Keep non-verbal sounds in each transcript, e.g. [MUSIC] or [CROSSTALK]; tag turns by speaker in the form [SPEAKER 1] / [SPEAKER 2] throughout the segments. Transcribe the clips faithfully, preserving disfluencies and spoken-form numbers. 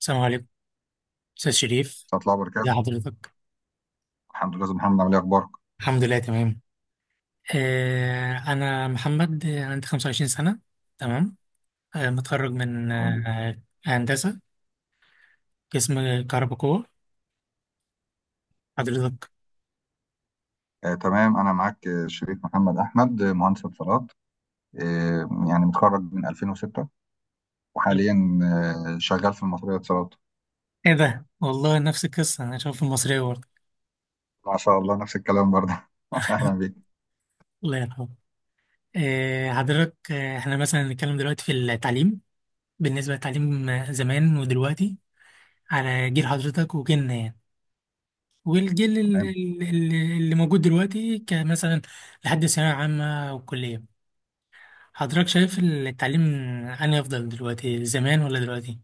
[SPEAKER 1] السلام عليكم، أستاذ شريف،
[SPEAKER 2] ورحمة الله
[SPEAKER 1] يا
[SPEAKER 2] وبركاته.
[SPEAKER 1] حضرتك.
[SPEAKER 2] الحمد لله أستاذ محمد، عامل إيه أخبارك؟
[SPEAKER 1] الحمد لله، تمام. آه أنا محمد، آه، عندي خمسة وعشرين سنة. تمام. آه متخرج من
[SPEAKER 2] الحمد لله.
[SPEAKER 1] آه هندسة، قسم كهرباء قوة، حضرتك.
[SPEAKER 2] آه تمام، أنا معاك، آه، شريك محمد أحمد، آه، مهندس اتصالات. آه يعني متخرج من ألفين وستة، وحاليا آه شغال في المطرية اتصالات.
[SPEAKER 1] إيه ده، والله نفس القصة، أنا شايف المصرية برضه.
[SPEAKER 2] ما شاء الله نفس الكلام برضه. [LAUGHS] أهلا بيك.
[SPEAKER 1] الله يرحمه. آه حضرتك، آه إحنا مثلا نتكلم دلوقتي في التعليم. بالنسبة للتعليم، آه، زمان ودلوقتي، على جيل حضرتك وجيلنا يعني، والجيل ال-
[SPEAKER 2] تمام.
[SPEAKER 1] ال- ال- اللي موجود دلوقتي كمثلا، لحد ثانوية عامة أو كلية. حضرتك شايف التعليم أنهي أفضل دلوقتي، زمان ولا دلوقتي؟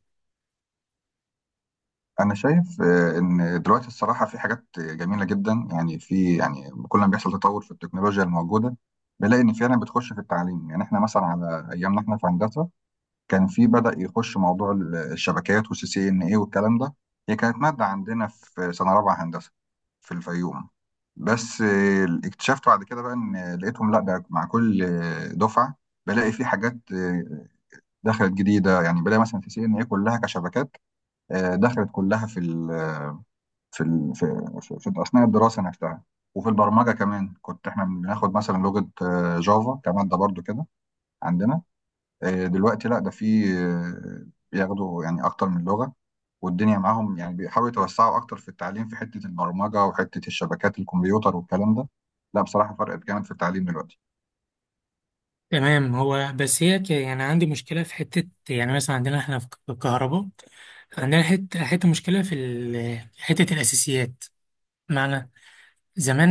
[SPEAKER 2] أنا شايف آه إن دلوقتي الصراحة في حاجات جميلة جدا، يعني في يعني كل ما بيحصل تطور في التكنولوجيا الموجودة، بنلاقي إن فعلا بتخش في التعليم. يعني إحنا مثلا على أيامنا، إحنا في هندسة كان في بدأ يخش موضوع ال- الشبكات والسي سي ان اي والكلام ده. هي كانت مادة عندنا في سنة رابعة هندسة في الفيوم. بس آه، اكتشفت بعد كده بقى ان لقيتهم، لا ده مع كل آه، دفعة بلاقي في حاجات آه، دخلت جديدة. يعني بلاقي مثلا سي سي ان اي كلها كشبكات آه، دخلت كلها في ال في ال في, في, في أثناء الدراسة نفسها. وفي البرمجة كمان كنت احنا بناخد مثلا لغة آه، جافا كمادة برضو كده عندنا. آه، دلوقتي لا ده في آه، بياخدوا يعني اكتر من لغة، والدنيا معاهم، يعني بيحاولوا يتوسعوا اكتر في التعليم في حتة البرمجة وحتة الشبكات الكمبيوتر والكلام ده. لا بصراحة فرقت جامد في التعليم دلوقتي.
[SPEAKER 1] تمام. هو بس هي ك- يعني عندي مشكلة في حتة، يعني مثلا عندنا احنا في الكهرباء، عندنا حتة حتة مشكلة في ال- حتة الأساسيات. معنى،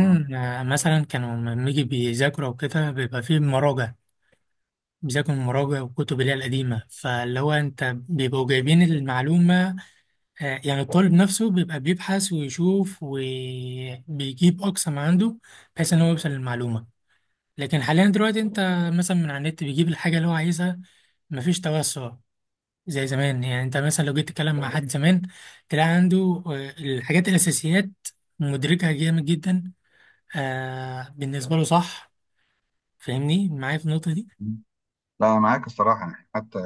[SPEAKER 2] مم.
[SPEAKER 1] آه، مثلا كانوا لما يجي بيذاكروا وكده بيبقى فيه مراجع. بيذاكروا المراجع والكتب اللي هي القديمة، فاللي هو أنت بيبقوا جايبين المعلومة. آه، يعني الطالب نفسه بيبقى بيبحث ويشوف وبيجيب أقصى ما عنده، بحيث إن هو يوصل للمعلومة. لكن حاليا دلوقتي أنت مثلا من على النت بيجيب الحاجة اللي هو عايزها. مفيش توسع زي زمان. يعني أنت مثلا لو جيت تتكلم مع حد زمان تلاقي عنده آه، الحاجات الأساسيات مدركها جامد جدا، آه، بالنسبة له صح. فاهمني معايا في النقطة دي؟
[SPEAKER 2] مم. لا أنا معاك الصراحة، يعني حتى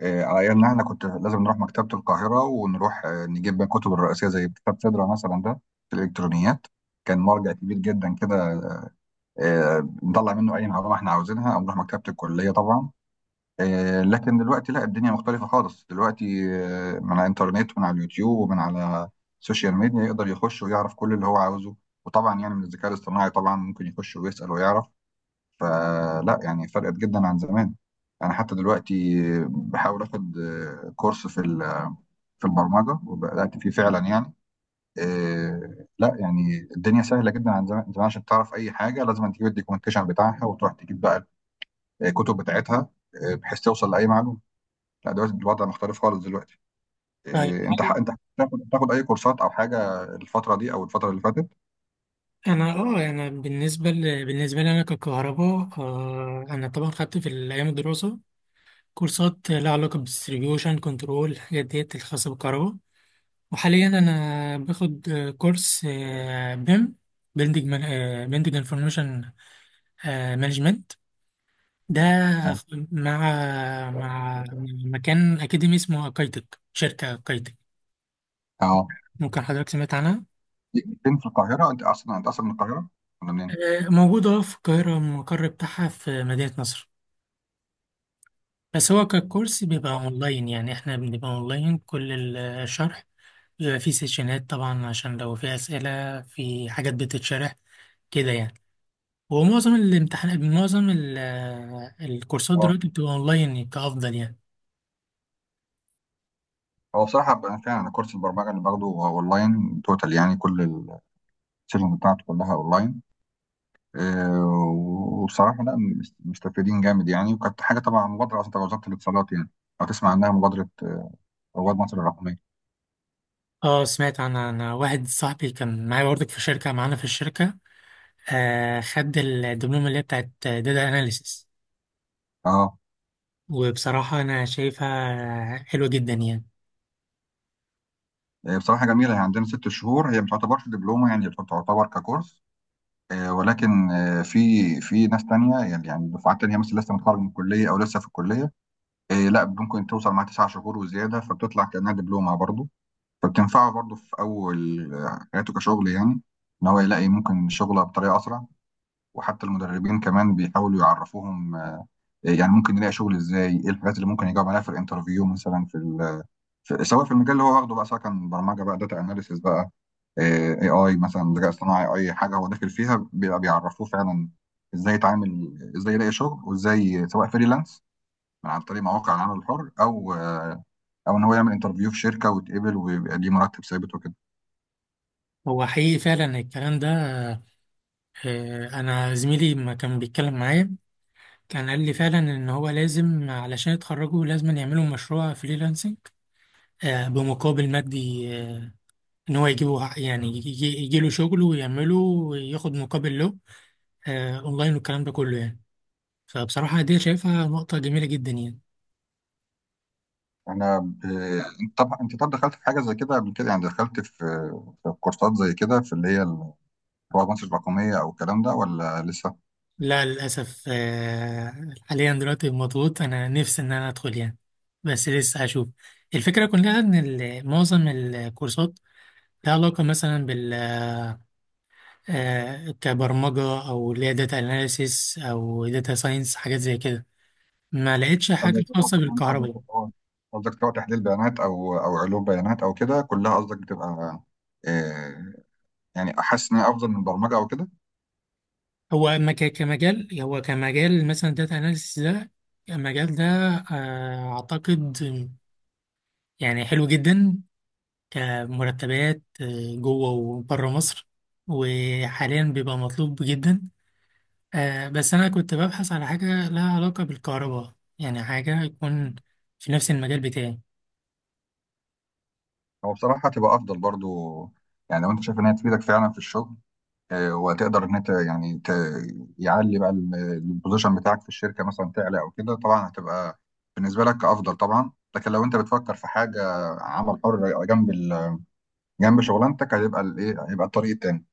[SPEAKER 2] آه، على أيامنا، إحنا كنت لازم نروح مكتبة القاهرة، ونروح آه، نجيب بقى الكتب الرئيسية، زي كتاب سدرة مثلا ده في الإلكترونيات. كان مرجع كبير جدا كده. آه، نطلع منه أي معلومة إحنا عاوزينها، أو نروح مكتبة الكلية طبعا. آه، لكن دلوقتي لا، الدنيا مختلفة خالص دلوقتي. آه، من على الإنترنت ومن على اليوتيوب ومن على السوشيال ميديا يقدر يخش ويعرف كل اللي هو عاوزه. وطبعا يعني من الذكاء الاصطناعي طبعا ممكن يخش ويسأل ويعرف. فلا يعني فرقت جدا عن زمان. أنا حتى دلوقتي بحاول آخد آه، كورس في ال- في البرمجة، وبدأت فيه فعلا يعني. آه، لا يعني الدنيا سهلة جدا عن زمان. زمان عشان تعرف أي حاجة، لازم تجيب الدوكيومنتيشن بتاعها وتروح تجيب بقى الكتب بتاعتها، آه، بحيث توصل لأي معلومة. لا دلوقتي الوضع مختلف خالص دلوقتي.
[SPEAKER 1] طيب.
[SPEAKER 2] إيه، انت ح...
[SPEAKER 1] هل
[SPEAKER 2] انت بتاخد بتاخد اي كورسات او حاجه الفتره دي او الفتره اللي فاتت؟
[SPEAKER 1] انا اه انا بالنسبه ل... بالنسبه لي، انا ككهرباء، آه انا طبعا خدت في الايام الدراسه كورسات لها علاقة بالديستريبيوشن كنترول، الحاجات ديت الخاصة بالكهرباء. وحاليا أنا باخد آه، كورس بيم، بيلدينج بيلدينج انفورميشن مانجمنت، ده
[SPEAKER 2] نعم.
[SPEAKER 1] مع مع مكان أكاديمي اسمه أكايتك، شركة أكايتك.
[SPEAKER 2] اه،
[SPEAKER 1] ممكن حضرتك سمعت عنها؟
[SPEAKER 2] ليك فين في القاهره؟ انت اصلا انت اصلا من القاهره ولا منين؟
[SPEAKER 1] آه، موجودة في القاهرة، المقر بتاعها في مدينة نصر. بس هو ككورس بيبقى اونلاين، يعني احنا بنبقى اونلاين كل الشرح. بيبقى فيه سيشنات طبعا عشان لو في اسئله، في حاجات بتتشرح كده يعني. ومعظم الامتحانات، معظم ال- الكورسات
[SPEAKER 2] اه،
[SPEAKER 1] دلوقتي بتبقى اونلاين كافضل يعني.
[SPEAKER 2] هو بصراحه بقى فعلا، أنا كورس البرمجه اللي باخده هو اونلاين توتال، يعني كل السيشن بتاعته كلها اونلاين. إيه، وبصراحه لا مست- مستفيدين جامد يعني، وكانت حاجه طبعا، مبادره اصلا تبع وزاره الاتصالات يعني. لو تسمع عنها مبادره آه، رواد مصر الرقميه.
[SPEAKER 1] اه، سمعت عن عن واحد صاحبي كان معايا برضك في شركه، معانا في الشركه، آه خد الدبلومه اللي هي بتاعت داتا اناليسيس.
[SPEAKER 2] اه.
[SPEAKER 1] وبصراحه انا شايفها حلوه جدا يعني.
[SPEAKER 2] إيه بصراحه جميله، هي عندنا ست شهور، هي ما تعتبرش دبلومه يعني تعتبر ككورس. آه، ولكن آه، في في ناس تانية، يعني يعني دفعات تانية، مثلا لسه متخرج من الكلية أو لسه في الكلية. آه، لا، ممكن توصل مع تسع شهور وزيادة، فبتطلع كأنها دبلومة برضه. فبتنفعه برضه في أول آه، حياته كشغل يعني، إن هو يلاقي ممكن شغله بطريقة أسرع. وحتى المدربين كمان بيحاولوا يعرفوهم آه، يعني ممكن يلاقي شغل إزاي، إيه الحاجات اللي ممكن يجاوب عليها في الانترفيو مثلا في, ال- في، سواء في المجال اللي هو واخده بقى، سواء كان برمجة بقى، داتا أناليسيس بقى، اي اي مثلا ذكاء اصطناعي، اي حاجه هو داخل فيها بيبقى بيعرفوه فعلا ازاي يتعامل، ازاي يلاقي شغل، وازاي، سواء فريلانس من عن طريق مواقع العمل الحر، او او ان هو يعمل انترفيو في شركه ويتقبل ويبقى ليه مرتب ثابت وكده.
[SPEAKER 1] هو حقيقي فعلا الكلام ده. آه، انا زميلي ما كان بيتكلم معايا، كان قال لي فعلا ان هو لازم علشان يتخرجوا لازم يعملوا مشروع فريلانسنج، آه، بمقابل مادي، آه، ان هو يجيبه ح- يعني يجي له شغل ويعمله وياخد مقابل له، آه، اونلاين والكلام ده كله يعني. فبصراحة دي شايفها نقطة جميلة جدا يعني.
[SPEAKER 2] انا ب... انت طب انت طب دخلت في حاجه زي كده قبل كده، يعني دخلت في في كورسات زي كده في اللي هي ال- رواد مصر الرقميه او الكلام ده ولا لسه؟
[SPEAKER 1] لا، للأسف آه، حاليا دلوقتي مضغوط. أنا نفسي إن أنا أدخل يعني، بس لسه هشوف. الفكرة كلها إن ال- معظم الكورسات لها علاقة مثلا آه، كبرمجة، أو اللي هي داتا أناليسيس أو داتا ساينس، حاجات زي كده. ما لقيتش حاجة
[SPEAKER 2] قصدك
[SPEAKER 1] خاصة
[SPEAKER 2] يعني قصدك
[SPEAKER 1] بالكهرباء.
[SPEAKER 2] هو- قصدك سواء تحليل بيانات او او علوم بيانات او كده كلها، قصدك بتبقى آه، يعني احس ان هي افضل من البرمجه او كده.
[SPEAKER 1] هو ما ك- كمجال هو كمجال مثلا داتا أناليسيس ده، المجال ده، آه، أعتقد يعني حلو جدا كمرتبات، آه، جوه وبره مصر، وحاليا بيبقى مطلوب جدا. آه، بس أنا كنت ببحث على حاجة لها علاقة بالكهرباء، يعني حاجة يكون في نفس المجال بتاعي.
[SPEAKER 2] هو بصراحه هتبقى افضل برضو، يعني لو انت شايف ان هي تفيدك فعلا في الشغل، آه، وهتقدر ان انت يعني ت... يعلي بقى ال- البوزيشن بتاعك في الشركه مثلا تعلى او كده، طبعا هتبقى بالنسبه لك افضل طبعا. لكن لو انت بتفكر في حاجه عمل حر جنب ال... جنب شغلانتك، هيبقى الايه، هيبقى الطريق التاني.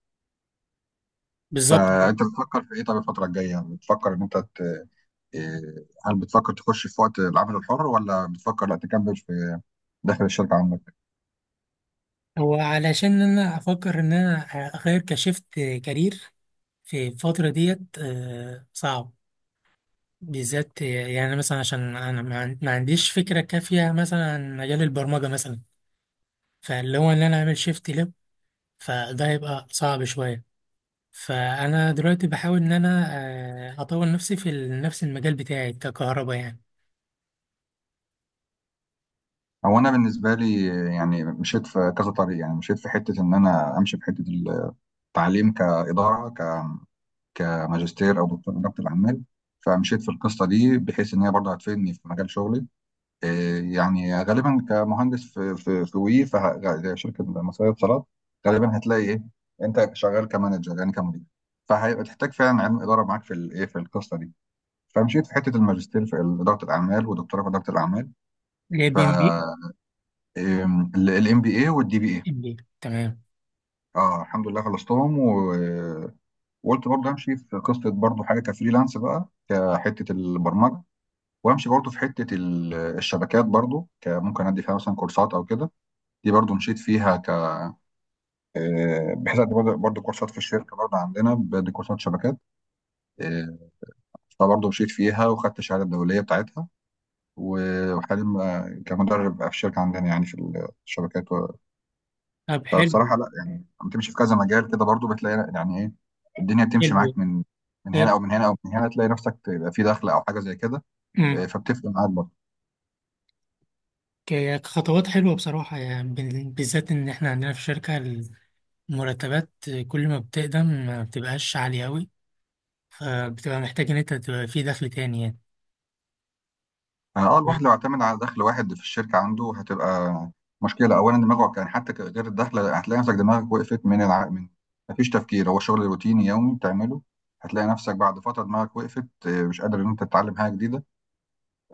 [SPEAKER 1] بالظبط.
[SPEAKER 2] فانت بتفكر في ايه؟ طب الفتره الجايه بتفكر ان انت ت... آه، هل بتفكر تخش في وقت العمل الحر، ولا بتفكر لا تكمل في داخل الشركه عندك؟
[SPEAKER 1] هو علشان انا افكر ان انا اغير كشفت كارير في الفتره ديت آه، صعب، بالذات يعني مثلا عشان انا ما عن- ما عنديش فكره كافيه مثلا عن مجال البرمجه مثلا، فاللي هو ان انا اعمل شيفت لب، فده هيبقى صعب شويه. فانا دلوقتي بحاول ان انا آه، اطور نفسي في ال- نفس المجال بتاعي ككهرباء يعني.
[SPEAKER 2] هو انا بالنسبه لي، يعني مشيت في كذا طريق، يعني مشيت في حته ان انا امشي في حته التعليم كاداره، ك كماجستير او دكتور اداره الاعمال. فمشيت في القصه دي بحيث ان هي برضه هتفيدني في مجال شغلي. إيه يعني غالبا كمهندس في في في وي في شركه مصريه اتصالات، غالبا هتلاقي ايه، انت شغال كمانجر يعني كمدير، فهيبقى تحتاج فعلا علم اداره معاك في الايه في القصه دي. فمشيت في حته الماجستير في اداره الاعمال، ودكتوراه في اداره الاعمال.
[SPEAKER 1] اللي هي
[SPEAKER 2] ف
[SPEAKER 1] بي ام بي.
[SPEAKER 2] الام بي اي والدي بي اي.
[SPEAKER 1] ام بي، تمام.
[SPEAKER 2] اه الحمد لله خلصتهم، و- وقلت برضه امشي في قصه برضه حاجه كفريلانس بقى، كحته البرمجه، وامشي برضه في حته ال- الشبكات برضه، كممكن ادي فيها مثلا كورسات او كده. دي برضه مشيت فيها ك آه، بحيث ادي برضه برضه كورسات في الشركه برضه عندنا، بدي كورسات شبكات. آه، فبرضه مشيت فيها وخدت الشهاده الدوليه بتاعتها. و- وحاليا بقى كمدرب بقى في الشركه عندنا يعني في الشبكات.
[SPEAKER 1] طب، حلو.
[SPEAKER 2] فبصراحه لا يعني، لما تمشي في كذا مجال كده برضو بتلاقي يعني ايه، الدنيا بتمشي
[SPEAKER 1] حلو.
[SPEAKER 2] معاك من من هنا او من هنا او من هنا، تلاقي نفسك تبقى في دخل او حاجه زي كده.
[SPEAKER 1] حلو.
[SPEAKER 2] آه، فبتفرق معاك برضو.
[SPEAKER 1] ك- كخطوات حلوة بصراحة، يعني بال- بالذات إن إحنا عندنا في الشركة، المرتبات كل ما بتقدم ما بتبقاش عالية أوي، فبتبقى محتاج إن أنت تبقى في دخل تاني يعني.
[SPEAKER 2] اه. آه، الواحد لو اعتمد على دخل واحد في الشركه عنده هتبقى مشكله، اولا دماغه كان حتى ك- غير الدخل هتلاقي نفسك دماغك وقفت من الع... من، مفيش تفكير، هو شغل روتيني يومي بتعمله. هتلاقي نفسك بعد فتره دماغك وقفت، آه، مش قادر ان انت تتعلم حاجه جديده،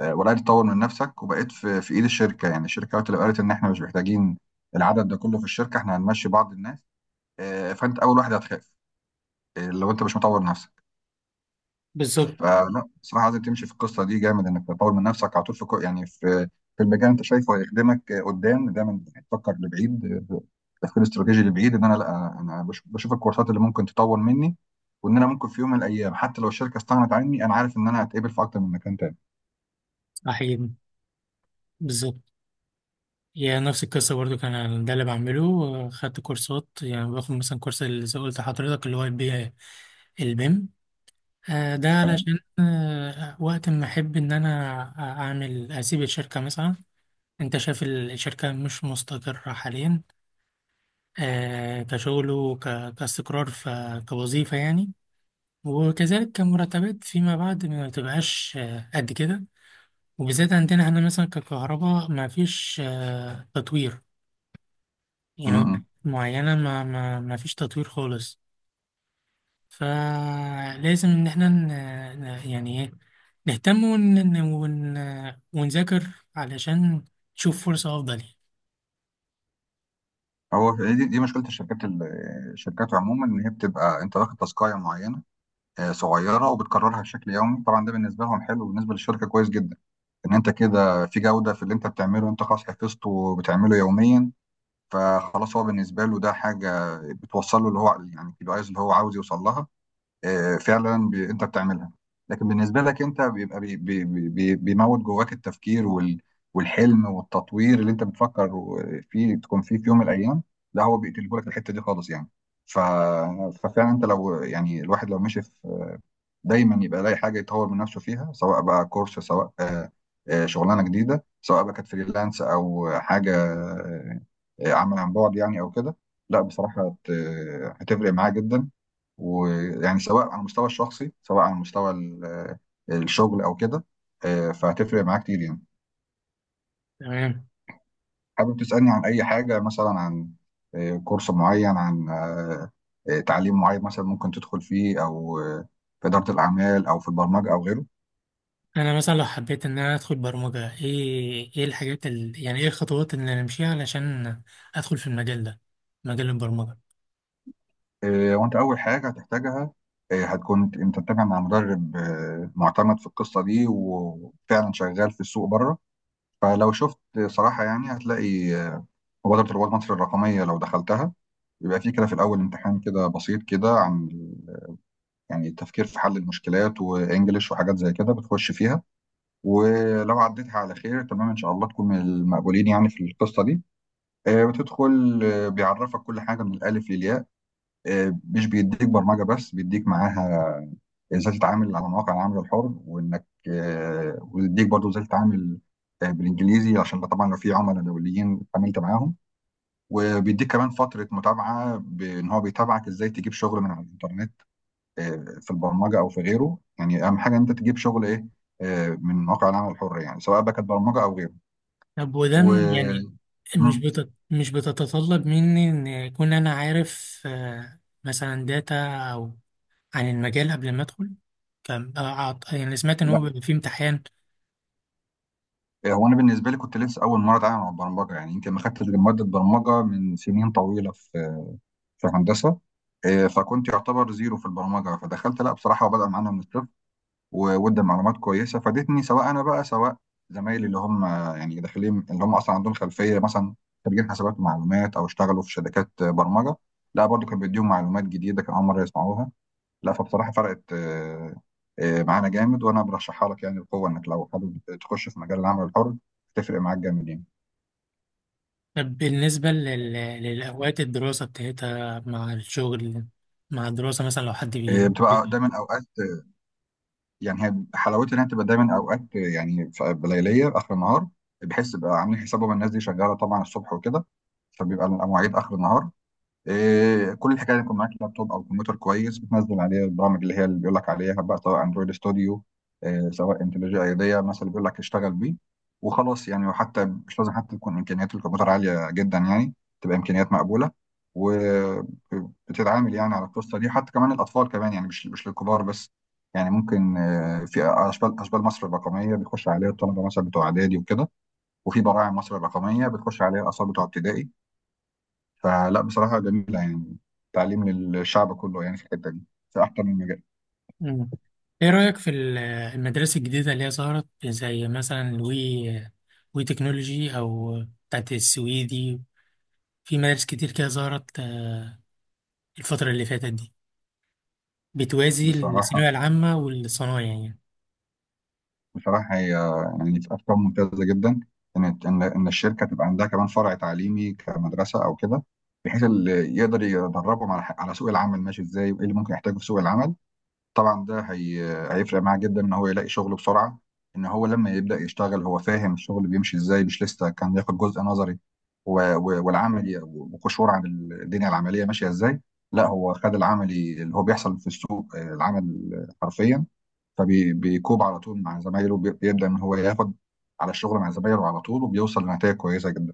[SPEAKER 2] آه، وبدات تطور من نفسك، وبقيت في في ايد الشركه. يعني الشركه وقت اللي قالت ان احنا مش محتاجين العدد ده كله في الشركه، احنا هنمشي بعض الناس، آه، فانت اول واحد هتخاف، آه، لو انت مش مطور نفسك.
[SPEAKER 1] بالظبط.
[SPEAKER 2] فلا بصراحه لازم تمشي في القصه دي جامد، انك تطور من نفسك على طول في كو- يعني في في المجال انت شايفه هيخدمك آه، قدام دايما، تفكر لبعيد، آه، تفكير استراتيجي لبعيد، ان انا لا انا بش- بشوف الكورسات اللي ممكن تطور مني، وان انا ممكن في يوم من الايام، حتى لو الشركه استغنت عني، انا عارف ان انا هتقبل في اكتر من مكان تاني.
[SPEAKER 1] صحيح. بالظبط. يعني نفس القصة برضو. كان أنا ده اللي بعمله، خدت كورسات. يعني باخد مثلا كورس اللي زي قلت لحضرتك اللي هو البي البيم، آه، ده
[SPEAKER 2] تمام.
[SPEAKER 1] علشان آه، وقت ما أحب إن أنا أعمل أسيب الشركة مثلا. أنت شايف الشركة مش مستقرة حاليا، آه، كشغله ك- كاستقرار، ف- كوظيفة يعني. وكذلك كمرتبات فيما بعد ما تبقاش آه، قد كده، وبالذات عندنا هنا مثلا ككهرباء ما فيش آه، تطوير
[SPEAKER 2] م-
[SPEAKER 1] يعني
[SPEAKER 2] م.
[SPEAKER 1] معينة. ما, ما, ما فيش تطوير خالص. فلازم إن احنا ن- ن- يعني إيه، نهتم ون ون ون- ونذاكر علشان نشوف فرصة أفضل يعني.
[SPEAKER 2] هو في- دي, دي مشكله الشركات، ال- الشركات عموما ان هي بتبقى انت واخد تاسكايه معينه، آه، صغيره وبتكررها بشكل يومي. طبعا ده بالنسبه لهم حلو، بالنسبه للشركه كويس جدا، ان انت كده في جوده في اللي انت بتعمله، انت خلاص حفظته وبتعمله يوميا. فخلاص هو بالنسبه له ده حاجه بتوصل له اللي هو يعني الكي بي ايز اللي هو عاوز يوصل لها، آه، فعلا بي... انت بتعملها. لكن بالنسبه لك انت بيبقى بي... بي... بي... بيموت جواك التفكير وال... والحلم والتطوير اللي انت بتفكر فيه تكون فيه في يوم من الايام. لا هو بيقتله لك الحته دي خالص يعني. ف... ففعلا انت لو يعني الواحد لو مشي في، دايما يبقى لاقي حاجه يطور من نفسه فيها، سواء بقى كورس، سواء آه، آه، شغلانه جديده، سواء بقى كانت فريلانس او حاجه آه، آه، عمل عن بعد يعني او كده. لا بصراحه هت- آه، هتفرق معاه جدا، ويعني سواء على المستوى الشخصي، سواء على مستوى ال- آه، الشغل او كده. آه، فهتفرق معاه كتير يعني.
[SPEAKER 1] تمام.
[SPEAKER 2] حابب تسالني عن اي حاجه، مثلا عن آه، كورس معين، عن آه، آه، تعليم معين مثلا ممكن تدخل فيه، او آه، في اداره الاعمال او في البرمجه او غيره؟
[SPEAKER 1] انا مثلا لو حبيت ان انا ادخل برمجة، ايه ايه الحاجات ال... يعني ايه الخطوات اللي انا امشيها علشان ادخل في المجال ده، مجال البرمجة؟
[SPEAKER 2] آه، وانت اول حاجه هتحتاجها، آه، هتكون انت متابع مع مدرب آه، معتمد في القصه دي وفعلا شغال في السوق بره. فلو شفت صراحه يعني هتلاقي آه، مبادره رواد مصر الرقميه، لو دخلتها يبقى في كده في الاول امتحان كده بسيط كده عن ال- يعني التفكير في حل المشكلات، وانجليش، وحاجات زي كده بتخش فيها. ولو عديتها على خير، تمام ان شاء الله تكون من المقبولين يعني في القصه دي. آه، بتدخل، آه، بيعرفك كل حاجه من الالف للياء. آه، مش بيديك برمجه بس، بيديك معاها ازاي تتعامل على مواقع العمل الحر، وانك آه، ويديك برضو ازاي تتعامل آه، بالانجليزي عشان طبعا لو في عملاء دوليين اتعاملت معاهم. وبيديك كمان فتره متابعه بان هو بيتابعك ازاي تجيب شغل من على الانترنت، آه، في البرمجه او في غيره. يعني اهم حاجه إن انت تجيب شغل ايه، آه، من مواقع العمل الحر يعني، سواء بقى كانت برمجه او غيره.
[SPEAKER 1] طب وده م- يعني
[SPEAKER 2] و
[SPEAKER 1] مش
[SPEAKER 2] مم.
[SPEAKER 1] بت... مش بتتطلب مني ان يكون انا عارف آه، مثلا داتا، او عن المجال قبل ما ادخل؟ كم آه، أعط... يعني سمعت ان
[SPEAKER 2] لا
[SPEAKER 1] هو بيبقى فيه امتحان.
[SPEAKER 2] هو انا بالنسبه لي كنت لسه اول مره اتعامل مع البرمجه، يعني يمكن ما خدتش غير ماده برمجه من سنين طويله في في هندسه. آه، فكنت يعتبر زيرو في البرمجه، فدخلت لا بصراحه وبدأ معانا من الصفر. وودي معلومات كويسه فادتني، سواء انا بقى سواء زمايلي اللي هم آه، يعني داخلين، اللي هم اصلا عندهم خلفيه، مثلا خريجين حسابات ومعلومات او اشتغلوا في شركات آه، برمجه. لا برضو كان بيديهم معلومات جديده كان اول مره يسمعوها. لا فبصراحه فرقت آه، آه، معانا جامد، وانا برشحها لك يعني بقوه، انك لو حابب تخش في مجال العمل الحر تفرق معاك جامد يعني.
[SPEAKER 1] طب بالنسبة لل... للأوقات الدراسة بتاعتها مع الشغل، مع الدراسة، مثلا لو حد
[SPEAKER 2] آه،
[SPEAKER 1] بي...
[SPEAKER 2] بتبقى دايما اوقات، يعني هي حلاوتها انها تبقى دايما اوقات، يعني في- بليليه اخر النهار، بحيث يبقى عاملين حسابهم الناس دي شغاله طبعا الصبح وكده، فبيبقى المواعيد اخر النهار. إيه، كل الحكايه يكون معاك لابتوب او كمبيوتر كويس بتنزل عليه البرامج اللي هي اللي بيقول لك عليها بقى، سواء اندرويد ستوديو، إيه، سواء انتليجي ايديا مثلا بيقول لك اشتغل بيه. وخلاص يعني، وحتى مش لازم حتى تكون امكانيات الكمبيوتر عاليه جدا يعني، تبقى امكانيات مقبوله. وبتتعامل يعني على القصه دي، حتى كمان الاطفال كمان يعني مش مش للكبار بس. يعني ممكن آه، في اشبال اشبال مصر الرقميه بيخش عليها الطلبه مثلا بتوع اعدادي وكده. وفي براعم مصر الرقميه بتخش عليها الاطفال بتوع ابتدائي. فلا بصراحة جميلة يعني، تعليم للشعب كله يعني في الحتة دي، في أكتر من مجال.
[SPEAKER 1] مم. ايه رأيك في ال- المدارس الجديدة اللي هي ظهرت، زي مثلا وي وي تكنولوجي، او بتاعت السويدي؟ في مدارس كتير كده ظهرت آه، الفترة اللي فاتت دي، بتوازي
[SPEAKER 2] بصراحة.
[SPEAKER 1] الثانوية العامة والصنايع يعني.
[SPEAKER 2] بصراحة هي يعني في أفكار ممتازة جدا، إن إن إن الشركة تبقى عندها كمان فرع تعليمي كمدرسة أو كده، بحيث اللي يقدر يدربهم على ح- على سوق العمل ماشي إزاي، وإيه اللي ممكن يحتاجه في سوق العمل. طبعا ده هي... هيفرق معاه جدا ان هو يلاقي شغل بسرعه، ان هو لما يبدا يشتغل هو فاهم الشغل بيمشي ازاي، مش لسه كان ياخد جزء نظري و... و... والعملي وقشور عن الدنيا العمليه ماشيه ازاي. لا هو خد العملي اللي هو بيحصل في السوق، آه، العمل حرفيا. فبيكوب على طول مع زمايله، بي- بيبدا ان هو ياخد على الشغل مع زمايله على طول، وبيوصل لنتائج كويسه جدا.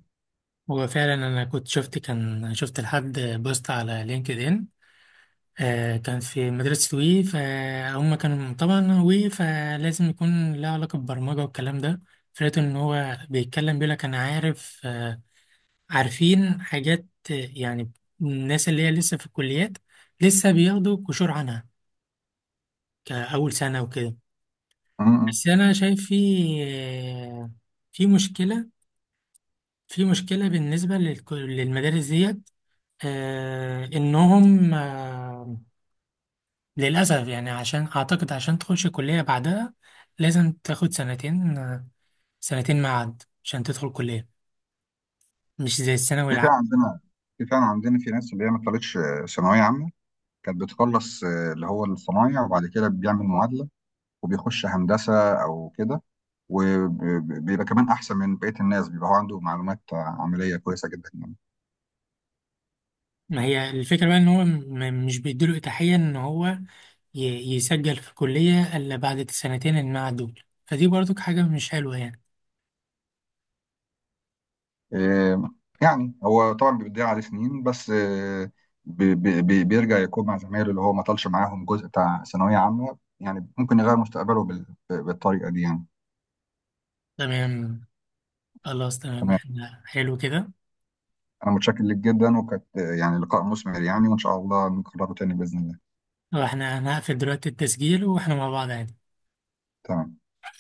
[SPEAKER 1] هو فعلا انا كنت شفت، كان شفت لحد بوست على لينكد ان، آه، كان في مدرسة وي. فهم كانوا طبعا وي، فلازم يكون له علاقة بالبرمجة والكلام ده. فلقيت إن هو بيتكلم بيقول لك أنا عارف، آه، عارفين حاجات، آه، يعني الناس اللي هي لسه في الكليات لسه بياخدوا قشور عنها كأول سنة وكده.
[SPEAKER 2] م- م.
[SPEAKER 1] بس أنا شايف في آه، في مشكلة في مشكلة بالنسبة للك- للمدارس ديت، آه، إنهم، آه، للأسف يعني عشان أعتقد عشان تخش كلية بعدها لازم تاخد سنتين. سنتين معاد عشان تدخل كلية، مش زي الثانوي
[SPEAKER 2] في
[SPEAKER 1] العام.
[SPEAKER 2] فعلا عندنا في فعلا عندنا في ناس اللي هي ما طلعتش آه، ثانويه عامه، كانت بتخلص آه، اللي هو الصنايع، وبعد كده بيعمل معادلة وبيخش هندسة أو كده. وبيبقى كمان أحسن من بقية الناس، بيبقى هو عنده معلومات عملية كويسة جدا يعني.
[SPEAKER 1] ما هي الفكرة بقى إن هو م- مش بيديله إتاحية إن هو ي- يسجل في كلية إلا بعد السنتين المعاد دول، فدي برضك حاجة مش حلوة يعني.
[SPEAKER 2] آه، يعني هو طبعا بيضيع عليه سنين بس آه، بي- بي- بي- بيرجع يكون مع زمايله اللي هو ما طالش معاهم جزء بتاع ثانوية عامة، يعني ممكن يغير مستقبله بال- بالطريقة دي يعني.
[SPEAKER 1] تمام. خلاص، تمام،
[SPEAKER 2] تمام.
[SPEAKER 1] إحنا حلو كده.
[SPEAKER 2] أنا متشكر لك جدا، وكانت آه، يعني لقاء مثمر يعني، وإن شاء الله نكرره تاني بإذن الله.
[SPEAKER 1] وإحنا هنقفل دلوقتي التسجيل وإحنا مع بعض يعني.
[SPEAKER 2] تمام.